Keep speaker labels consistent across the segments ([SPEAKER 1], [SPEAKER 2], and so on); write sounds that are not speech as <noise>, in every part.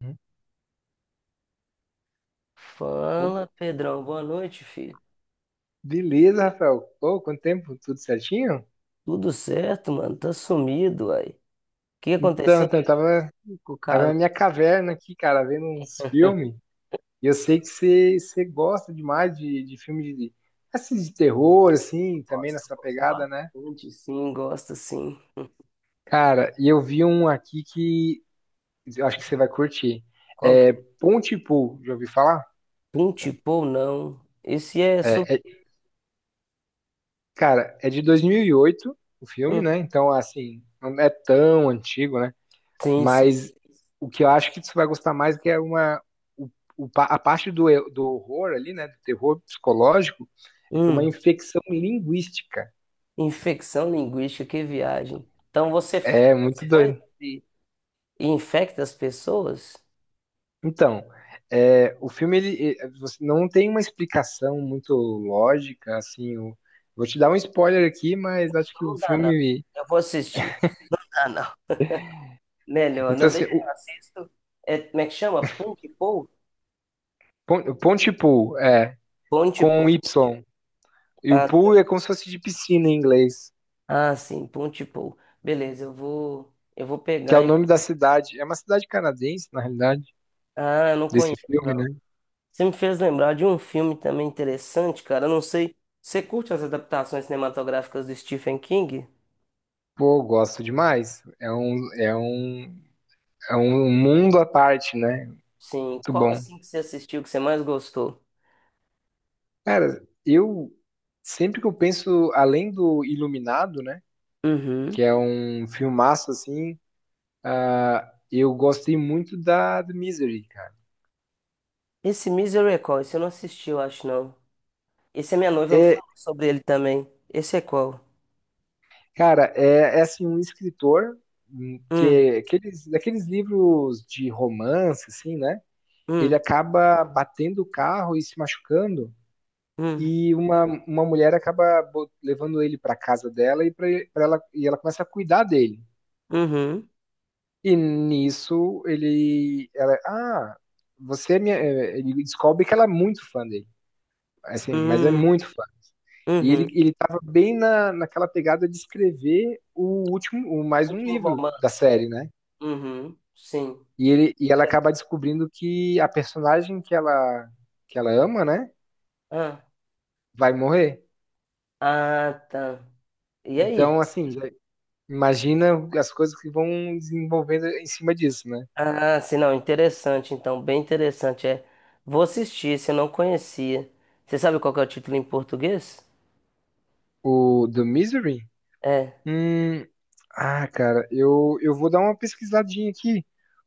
[SPEAKER 1] Uhum. Pô,
[SPEAKER 2] Fala, Pedrão. Boa noite, filho.
[SPEAKER 1] beleza, Rafael. Pô, quanto tempo? Tudo certinho?
[SPEAKER 2] Tudo certo, mano? Tá sumido, aí. O que
[SPEAKER 1] Então,
[SPEAKER 2] aconteceu
[SPEAKER 1] então eu tava,
[SPEAKER 2] com o
[SPEAKER 1] tava
[SPEAKER 2] caso?
[SPEAKER 1] na minha caverna aqui, cara, vendo uns filmes. E eu sei que você gosta demais de filme de, assim, de terror, assim, também
[SPEAKER 2] Gosto,
[SPEAKER 1] nessa
[SPEAKER 2] gosto
[SPEAKER 1] pegada, né?
[SPEAKER 2] bastante, sim, gosto, sim.
[SPEAKER 1] Cara, e eu vi um aqui que eu acho que você vai curtir.
[SPEAKER 2] Qual que
[SPEAKER 1] É
[SPEAKER 2] é?
[SPEAKER 1] Pontypool, já ouviu falar?
[SPEAKER 2] Pum, tipo não? Esse é sobre...
[SPEAKER 1] É, é- cara, é de 2008, o filme, né?
[SPEAKER 2] Uhum.
[SPEAKER 1] Então, assim, não é tão antigo, né?
[SPEAKER 2] Sim, sim.
[SPEAKER 1] Mas o que eu acho que você vai gostar mais é que é uma o, a parte do, do horror ali, né, do terror psicológico, é que é uma
[SPEAKER 2] Hum,
[SPEAKER 1] infecção linguística.
[SPEAKER 2] Infecção linguística, que viagem. Então você faz
[SPEAKER 1] É muito
[SPEAKER 2] coisas
[SPEAKER 1] doido.
[SPEAKER 2] e infecta as pessoas?
[SPEAKER 1] Então, é, o filme ele, você não tem uma explicação muito lógica, assim. O- vou te dar um spoiler aqui, mas acho
[SPEAKER 2] Então
[SPEAKER 1] que o
[SPEAKER 2] não dá, não.
[SPEAKER 1] filme.
[SPEAKER 2] Eu vou assistir. Ah, não. Melhor,
[SPEAKER 1] Então,
[SPEAKER 2] não,
[SPEAKER 1] assim,
[SPEAKER 2] deixa que
[SPEAKER 1] o,
[SPEAKER 2] eu assisto. É, como é que chama? Pum, tipo?
[SPEAKER 1] o Ponte Pool é
[SPEAKER 2] Pum,
[SPEAKER 1] com um
[SPEAKER 2] tipo.
[SPEAKER 1] Y. E o
[SPEAKER 2] Ah,
[SPEAKER 1] pool é como se fosse de piscina em inglês,
[SPEAKER 2] Ah, sim, Ponte Pou. Beleza, eu vou
[SPEAKER 1] que é
[SPEAKER 2] pegar.
[SPEAKER 1] o
[SPEAKER 2] Hein?
[SPEAKER 1] nome da cidade. É uma cidade canadense, na realidade.
[SPEAKER 2] Ah, eu não
[SPEAKER 1] Desse
[SPEAKER 2] conheço,
[SPEAKER 1] filme, né?
[SPEAKER 2] não. Você me fez lembrar de um filme também interessante, cara. Eu não sei. Você curte as adaptações cinematográficas do Stephen King?
[SPEAKER 1] Pô, gosto demais. É um, é um mundo à parte, né?
[SPEAKER 2] Sim.
[SPEAKER 1] Muito
[SPEAKER 2] Qual
[SPEAKER 1] bom.
[SPEAKER 2] assim que você assistiu que você mais gostou?
[SPEAKER 1] Cara, eu sempre que eu penso, além do Iluminado, né?
[SPEAKER 2] Uhum.
[SPEAKER 1] Que é um filmaço assim, ah, eu gostei muito da do Misery, cara.
[SPEAKER 2] Esse Misery, é qual? Esse eu não assisti, eu acho, não. Esse a minha noiva me
[SPEAKER 1] É,
[SPEAKER 2] falou sobre ele também. Esse é qual?
[SPEAKER 1] cara, é, é assim, um escritor que
[SPEAKER 2] Hum,
[SPEAKER 1] é aqueles, daqueles livros de romance, assim, né? Ele
[SPEAKER 2] hum,
[SPEAKER 1] acaba batendo o carro e se machucando.
[SPEAKER 2] hum,
[SPEAKER 1] E uma mulher acaba levando ele para casa dela e pra, pra ela e ela começa a cuidar dele.
[SPEAKER 2] uhum,
[SPEAKER 1] E nisso ele, você é minha, é, ele descobre que ela é muito fã dele. Assim, mas é
[SPEAKER 2] hum,
[SPEAKER 1] muito fã. E ele
[SPEAKER 2] uhum.
[SPEAKER 1] ele tava bem na, naquela pegada de escrever o último, o mais um
[SPEAKER 2] Último
[SPEAKER 1] livro da
[SPEAKER 2] romance.
[SPEAKER 1] série, né?
[SPEAKER 2] Uhum, sim.
[SPEAKER 1] E ele e ela acaba descobrindo que a personagem que ela ama, né, vai morrer.
[SPEAKER 2] Ah, tá. E aí?
[SPEAKER 1] Então, assim, já- Imagina as coisas que vão desenvolvendo em cima disso, né?
[SPEAKER 2] Ah, sim, não, interessante, então, bem interessante. É, vou assistir, se eu não conhecia. Você sabe qual que é o título em português?
[SPEAKER 1] O do Misery?
[SPEAKER 2] É,
[SPEAKER 1] Hum, ah, cara, eu vou dar uma pesquisadinha aqui,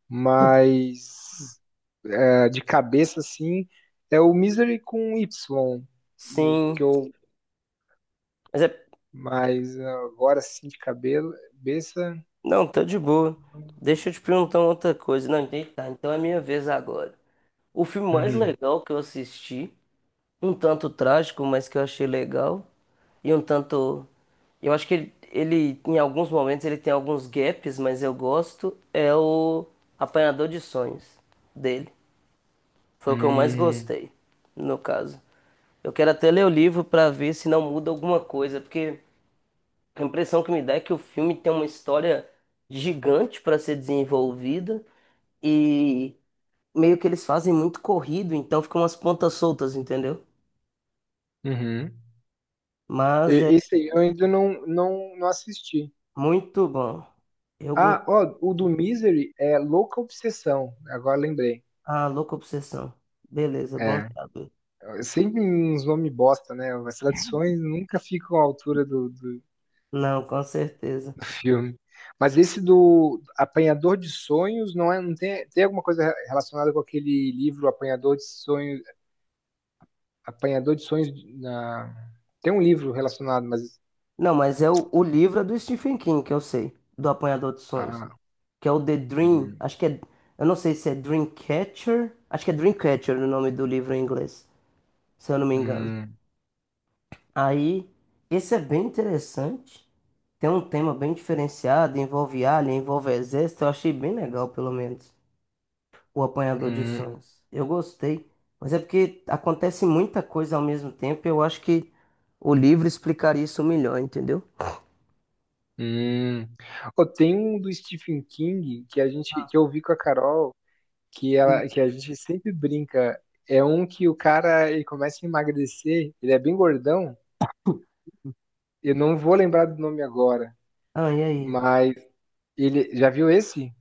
[SPEAKER 1] mas é, de cabeça, assim, é o Misery com Y, o que
[SPEAKER 2] sim.
[SPEAKER 1] eu,
[SPEAKER 2] Mas é,
[SPEAKER 1] mas agora, assim, de cabelo, cabeça...
[SPEAKER 2] não, tá de boa. Deixa eu te perguntar uma outra coisa. Não, entendi, tá, então é minha vez agora. O filme mais
[SPEAKER 1] Uhum.
[SPEAKER 2] legal que eu assisti, um tanto trágico, mas que eu achei legal, e um tanto. Eu acho que ele em alguns momentos, ele tem alguns gaps, mas eu gosto. É o Apanhador de Sonhos dele. Foi o que eu mais
[SPEAKER 1] Hum,
[SPEAKER 2] gostei, no caso. Eu quero até ler o livro pra ver se não muda alguma coisa, porque a impressão que me dá é que o filme tem uma história gigante pra ser desenvolvida e meio que eles fazem muito corrido, então ficam umas pontas soltas, entendeu?
[SPEAKER 1] uhum.
[SPEAKER 2] Mas é
[SPEAKER 1] Esse aí eu ainda não, não, não assisti.
[SPEAKER 2] muito bom. Eu
[SPEAKER 1] Ah, ó, o do Misery é Louca Obsessão, agora lembrei.
[SPEAKER 2] Ah, louca obsessão. Beleza, bom
[SPEAKER 1] É,
[SPEAKER 2] saber.
[SPEAKER 1] é, sempre uns nomes bosta, né? As traduções nunca ficam à altura do, do,
[SPEAKER 2] Não, com certeza.
[SPEAKER 1] do filme. Mas esse do Apanhador de Sonhos não é, não tem, tem alguma coisa relacionada com aquele livro Apanhador de Sonhos na, tem um livro relacionado, mas
[SPEAKER 2] Não, mas é o livro é do Stephen King, que eu sei, do Apanhador de Sonhos,
[SPEAKER 1] ah,
[SPEAKER 2] que é o The Dream,
[SPEAKER 1] hum,
[SPEAKER 2] acho que é, eu não sei se é Dreamcatcher, acho que é Dreamcatcher o nome do livro em inglês, se eu não me engano.
[SPEAKER 1] hum,
[SPEAKER 2] Aí, esse é bem interessante, tem um tema bem diferenciado, envolve alien, envolve exército, eu achei bem legal, pelo menos. O Apanhador de
[SPEAKER 1] hum,
[SPEAKER 2] Sonhos. Eu gostei, mas é porque acontece muita coisa ao mesmo tempo. Eu acho que o livro explicaria isso melhor, entendeu?
[SPEAKER 1] hum. Ô, tem um do Stephen King que a gente que eu vi com a Carol que, ela, que a gente sempre brinca. É um que o cara ele começa a emagrecer, ele é bem gordão. Eu não vou lembrar do nome agora,
[SPEAKER 2] Ah, e aí?
[SPEAKER 1] mas ele já viu esse?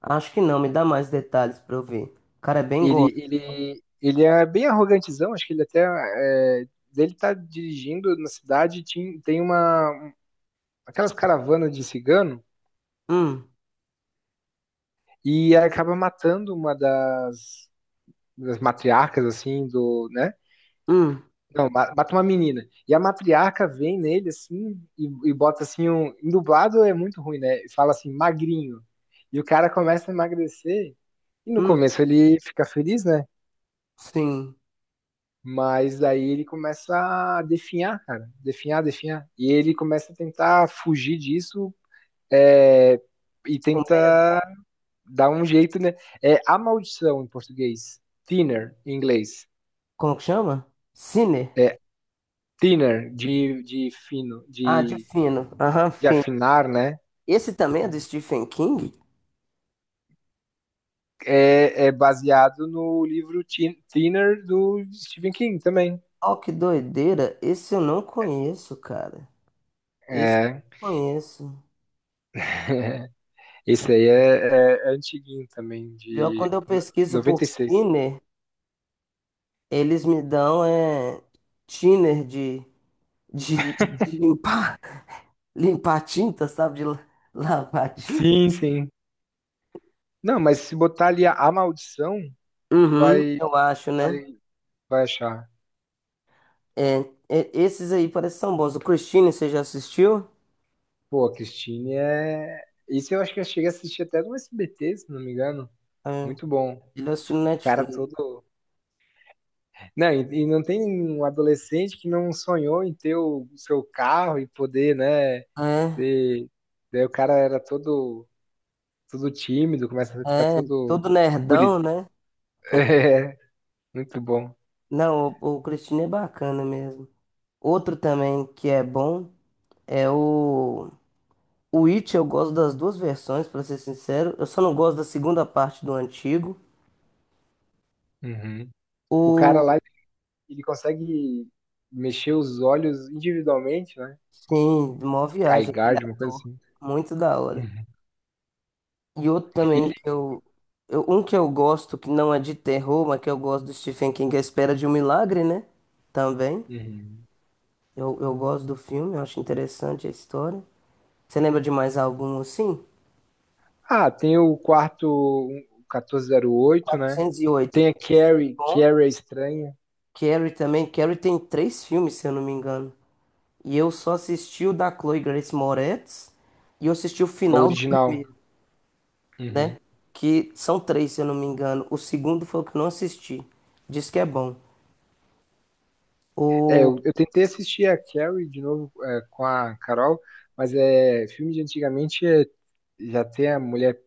[SPEAKER 2] Acho que não, me dá mais detalhes pra eu ver. O cara é bem
[SPEAKER 1] Ele,
[SPEAKER 2] gordo.
[SPEAKER 1] ele, ele é bem arrogantezão, acho que ele até é, ele tá dirigindo na cidade, tem uma aquelas caravanas de cigano
[SPEAKER 2] Hum,
[SPEAKER 1] e acaba matando uma das, das matriarcas assim do, né?
[SPEAKER 2] hum,
[SPEAKER 1] Não, mata uma menina. E a matriarca vem nele assim e bota assim um. Em dublado é muito ruim, né? E Fala assim, magrinho. E o cara começa a emagrecer. E no
[SPEAKER 2] hum,
[SPEAKER 1] começo ele fica feliz, né?
[SPEAKER 2] sim.
[SPEAKER 1] Mas daí ele começa a definhar, cara. Definhar, definhar. E ele começa a tentar fugir disso é, e tenta
[SPEAKER 2] Comendo?
[SPEAKER 1] dar um jeito, né? É a maldição em português. Thinner, em inglês.
[SPEAKER 2] Como que chama? Sinner.
[SPEAKER 1] É thinner, de fino,
[SPEAKER 2] Ah, de fino. Aham,
[SPEAKER 1] de
[SPEAKER 2] fino.
[SPEAKER 1] afinar, né?
[SPEAKER 2] Esse também é do Stephen King?
[SPEAKER 1] é, é baseado no livro Thinner do Stephen King também.
[SPEAKER 2] Oh, que doideira. Esse eu não conheço, cara. Esse eu
[SPEAKER 1] É.
[SPEAKER 2] não conheço.
[SPEAKER 1] <laughs> Esse aí é, é, é antiguinho também,
[SPEAKER 2] Pior
[SPEAKER 1] de
[SPEAKER 2] quando eu pesquiso por
[SPEAKER 1] 96.
[SPEAKER 2] Finner. Eles me dão é, thinner de, de limpar, <laughs> limpar tinta, sabe? De la- <laughs> lavar tinta.
[SPEAKER 1] Sim, sim. Não, mas se botar ali a maldição, tu
[SPEAKER 2] Uhum,
[SPEAKER 1] vai,
[SPEAKER 2] eu acho, né?
[SPEAKER 1] vai, vai achar.
[SPEAKER 2] É, e- esses aí parecem são bons. O Christine, você já assistiu?
[SPEAKER 1] Pô, a Christine é. Isso eu acho que eu cheguei a assistir até no SBT, se não me engano.
[SPEAKER 2] É,
[SPEAKER 1] Muito bom.
[SPEAKER 2] ele assistiu no
[SPEAKER 1] O Cara
[SPEAKER 2] Netflix.
[SPEAKER 1] todo. Não, e não tem um adolescente que não sonhou em ter o seu carro e poder, né?
[SPEAKER 2] É,
[SPEAKER 1] Você- Daí o cara era todo, todo tímido, começa a ficar
[SPEAKER 2] é,
[SPEAKER 1] todo
[SPEAKER 2] todo
[SPEAKER 1] guri.
[SPEAKER 2] nerdão, né?
[SPEAKER 1] <laughs> É, muito bom.
[SPEAKER 2] Não, o Christine é bacana mesmo. Outro também que é bom é o. O It, eu gosto das duas versões, pra ser sincero. Eu só não gosto da segunda parte do antigo.
[SPEAKER 1] Uhum. O cara
[SPEAKER 2] O
[SPEAKER 1] lá, ele consegue mexer os olhos individualmente, né?
[SPEAKER 2] sim, mó
[SPEAKER 1] Sky
[SPEAKER 2] viagem, aquele
[SPEAKER 1] Guard, uma coisa
[SPEAKER 2] ator.
[SPEAKER 1] assim.
[SPEAKER 2] Muito da hora.
[SPEAKER 1] Uhum.
[SPEAKER 2] E outro também
[SPEAKER 1] Ele-
[SPEAKER 2] que eu, um que eu gosto, que não é de terror, mas que eu gosto do Stephen King, é A Espera de um Milagre, né? Também.
[SPEAKER 1] Uhum.
[SPEAKER 2] Eu gosto do filme, eu acho interessante a história. Você lembra de mais algum assim?
[SPEAKER 1] Ah, tem o quarto um, 1408 né?
[SPEAKER 2] 408.
[SPEAKER 1] Tem a Carrie,
[SPEAKER 2] Bom.
[SPEAKER 1] Carrie é estranha,
[SPEAKER 2] Carrie também. Carrie tem três filmes, se eu não me engano. E eu só assisti o da Chloe Grace Moretz. E eu assisti o
[SPEAKER 1] a
[SPEAKER 2] final do
[SPEAKER 1] original.
[SPEAKER 2] primeiro. Né?
[SPEAKER 1] Uhum.
[SPEAKER 2] Que são três, se eu não me engano. O segundo foi o que eu não assisti. Diz que é bom.
[SPEAKER 1] É, eu tentei assistir a Carrie de novo é, com a Carol, mas é filme de antigamente é, já tem a mulher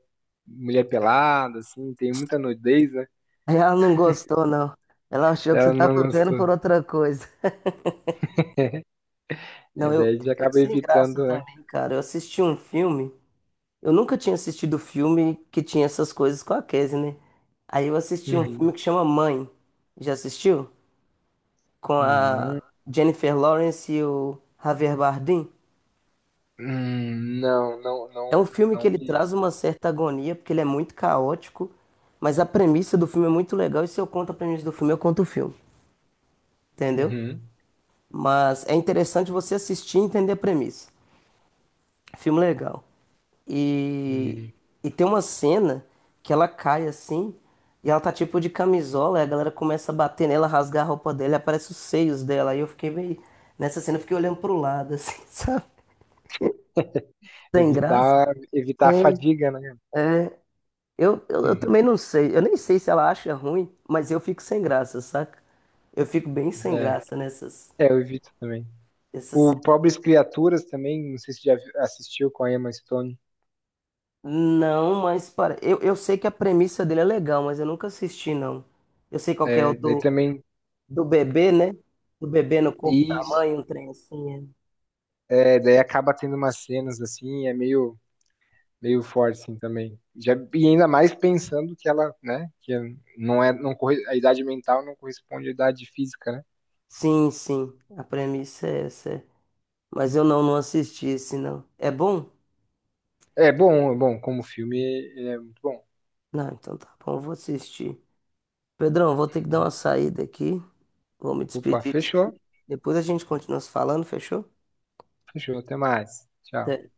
[SPEAKER 1] mulher pelada, assim, tem muita nudez, né?
[SPEAKER 2] <laughs> Aí ela não gostou, não. Ela achou que você
[SPEAKER 1] Ela não
[SPEAKER 2] tava vendo
[SPEAKER 1] gostou.
[SPEAKER 2] por outra coisa.
[SPEAKER 1] É,
[SPEAKER 2] Não, eu
[SPEAKER 1] daí já
[SPEAKER 2] fico
[SPEAKER 1] acaba
[SPEAKER 2] sem graça
[SPEAKER 1] evitando, né?
[SPEAKER 2] também, cara. Eu assisti um filme. Eu nunca tinha assistido filme que tinha essas coisas com a Casey, né? Aí eu assisti um
[SPEAKER 1] Uhum.
[SPEAKER 2] filme que chama Mãe. Já assistiu? Com a
[SPEAKER 1] Mãe.
[SPEAKER 2] Jennifer Lawrence e o Javier Bardem.
[SPEAKER 1] Não, não,
[SPEAKER 2] É um
[SPEAKER 1] não,
[SPEAKER 2] filme que
[SPEAKER 1] não
[SPEAKER 2] ele
[SPEAKER 1] vi
[SPEAKER 2] traz
[SPEAKER 1] isso.
[SPEAKER 2] uma certa agonia, porque ele é muito caótico, mas a premissa do filme é muito legal, e se eu conto a premissa do filme, eu conto o filme, entendeu?
[SPEAKER 1] Uhum.
[SPEAKER 2] Mas é interessante você assistir e entender a premissa. Filme legal. E,
[SPEAKER 1] Hum.
[SPEAKER 2] e tem uma cena que ela cai assim, e ela tá tipo de camisola, e a galera começa a bater nela, rasgar a roupa dela, e aparece os seios dela, e eu fiquei meio... Nessa cena eu fiquei olhando pro lado, assim, <laughs> sabe? Sem graça.
[SPEAKER 1] Evitar, evitar a fadiga, né?
[SPEAKER 2] Eu também não
[SPEAKER 1] <laughs>
[SPEAKER 2] sei. Eu nem sei se ela acha ruim, mas eu fico sem graça, saca? Eu fico bem sem
[SPEAKER 1] É,
[SPEAKER 2] graça nessas,
[SPEAKER 1] é, eu evito também.
[SPEAKER 2] nessas
[SPEAKER 1] O
[SPEAKER 2] cenas.
[SPEAKER 1] Pobres Criaturas também, não sei se assistiu com a Emma Stone.
[SPEAKER 2] Não, mas para. Eu sei que a premissa dele é legal, mas eu nunca assisti, não. Eu sei qual que é o
[SPEAKER 1] É, daí
[SPEAKER 2] do,
[SPEAKER 1] também
[SPEAKER 2] do bebê, né? Do bebê no corpo da
[SPEAKER 1] Isso,
[SPEAKER 2] mãe, um trem assim. É.
[SPEAKER 1] é, daí acaba tendo umas cenas assim, é meio, meio forte assim também. Já, e ainda mais pensando que ela, né, que não é, não corre, a idade mental não corresponde à idade física, né?
[SPEAKER 2] Sim, sim. A premissa é essa. É. Mas eu não, não assisti esse, não. É bom?
[SPEAKER 1] É bom, como filme, é é muito bom.
[SPEAKER 2] Não, então tá bom, eu vou assistir. Pedrão, vou ter que dar uma saída aqui. Vou me
[SPEAKER 1] Opa,
[SPEAKER 2] despedir.
[SPEAKER 1] fechou,
[SPEAKER 2] Depois a gente continua se falando, fechou?
[SPEAKER 1] fechou, até mais. Tchau.
[SPEAKER 2] De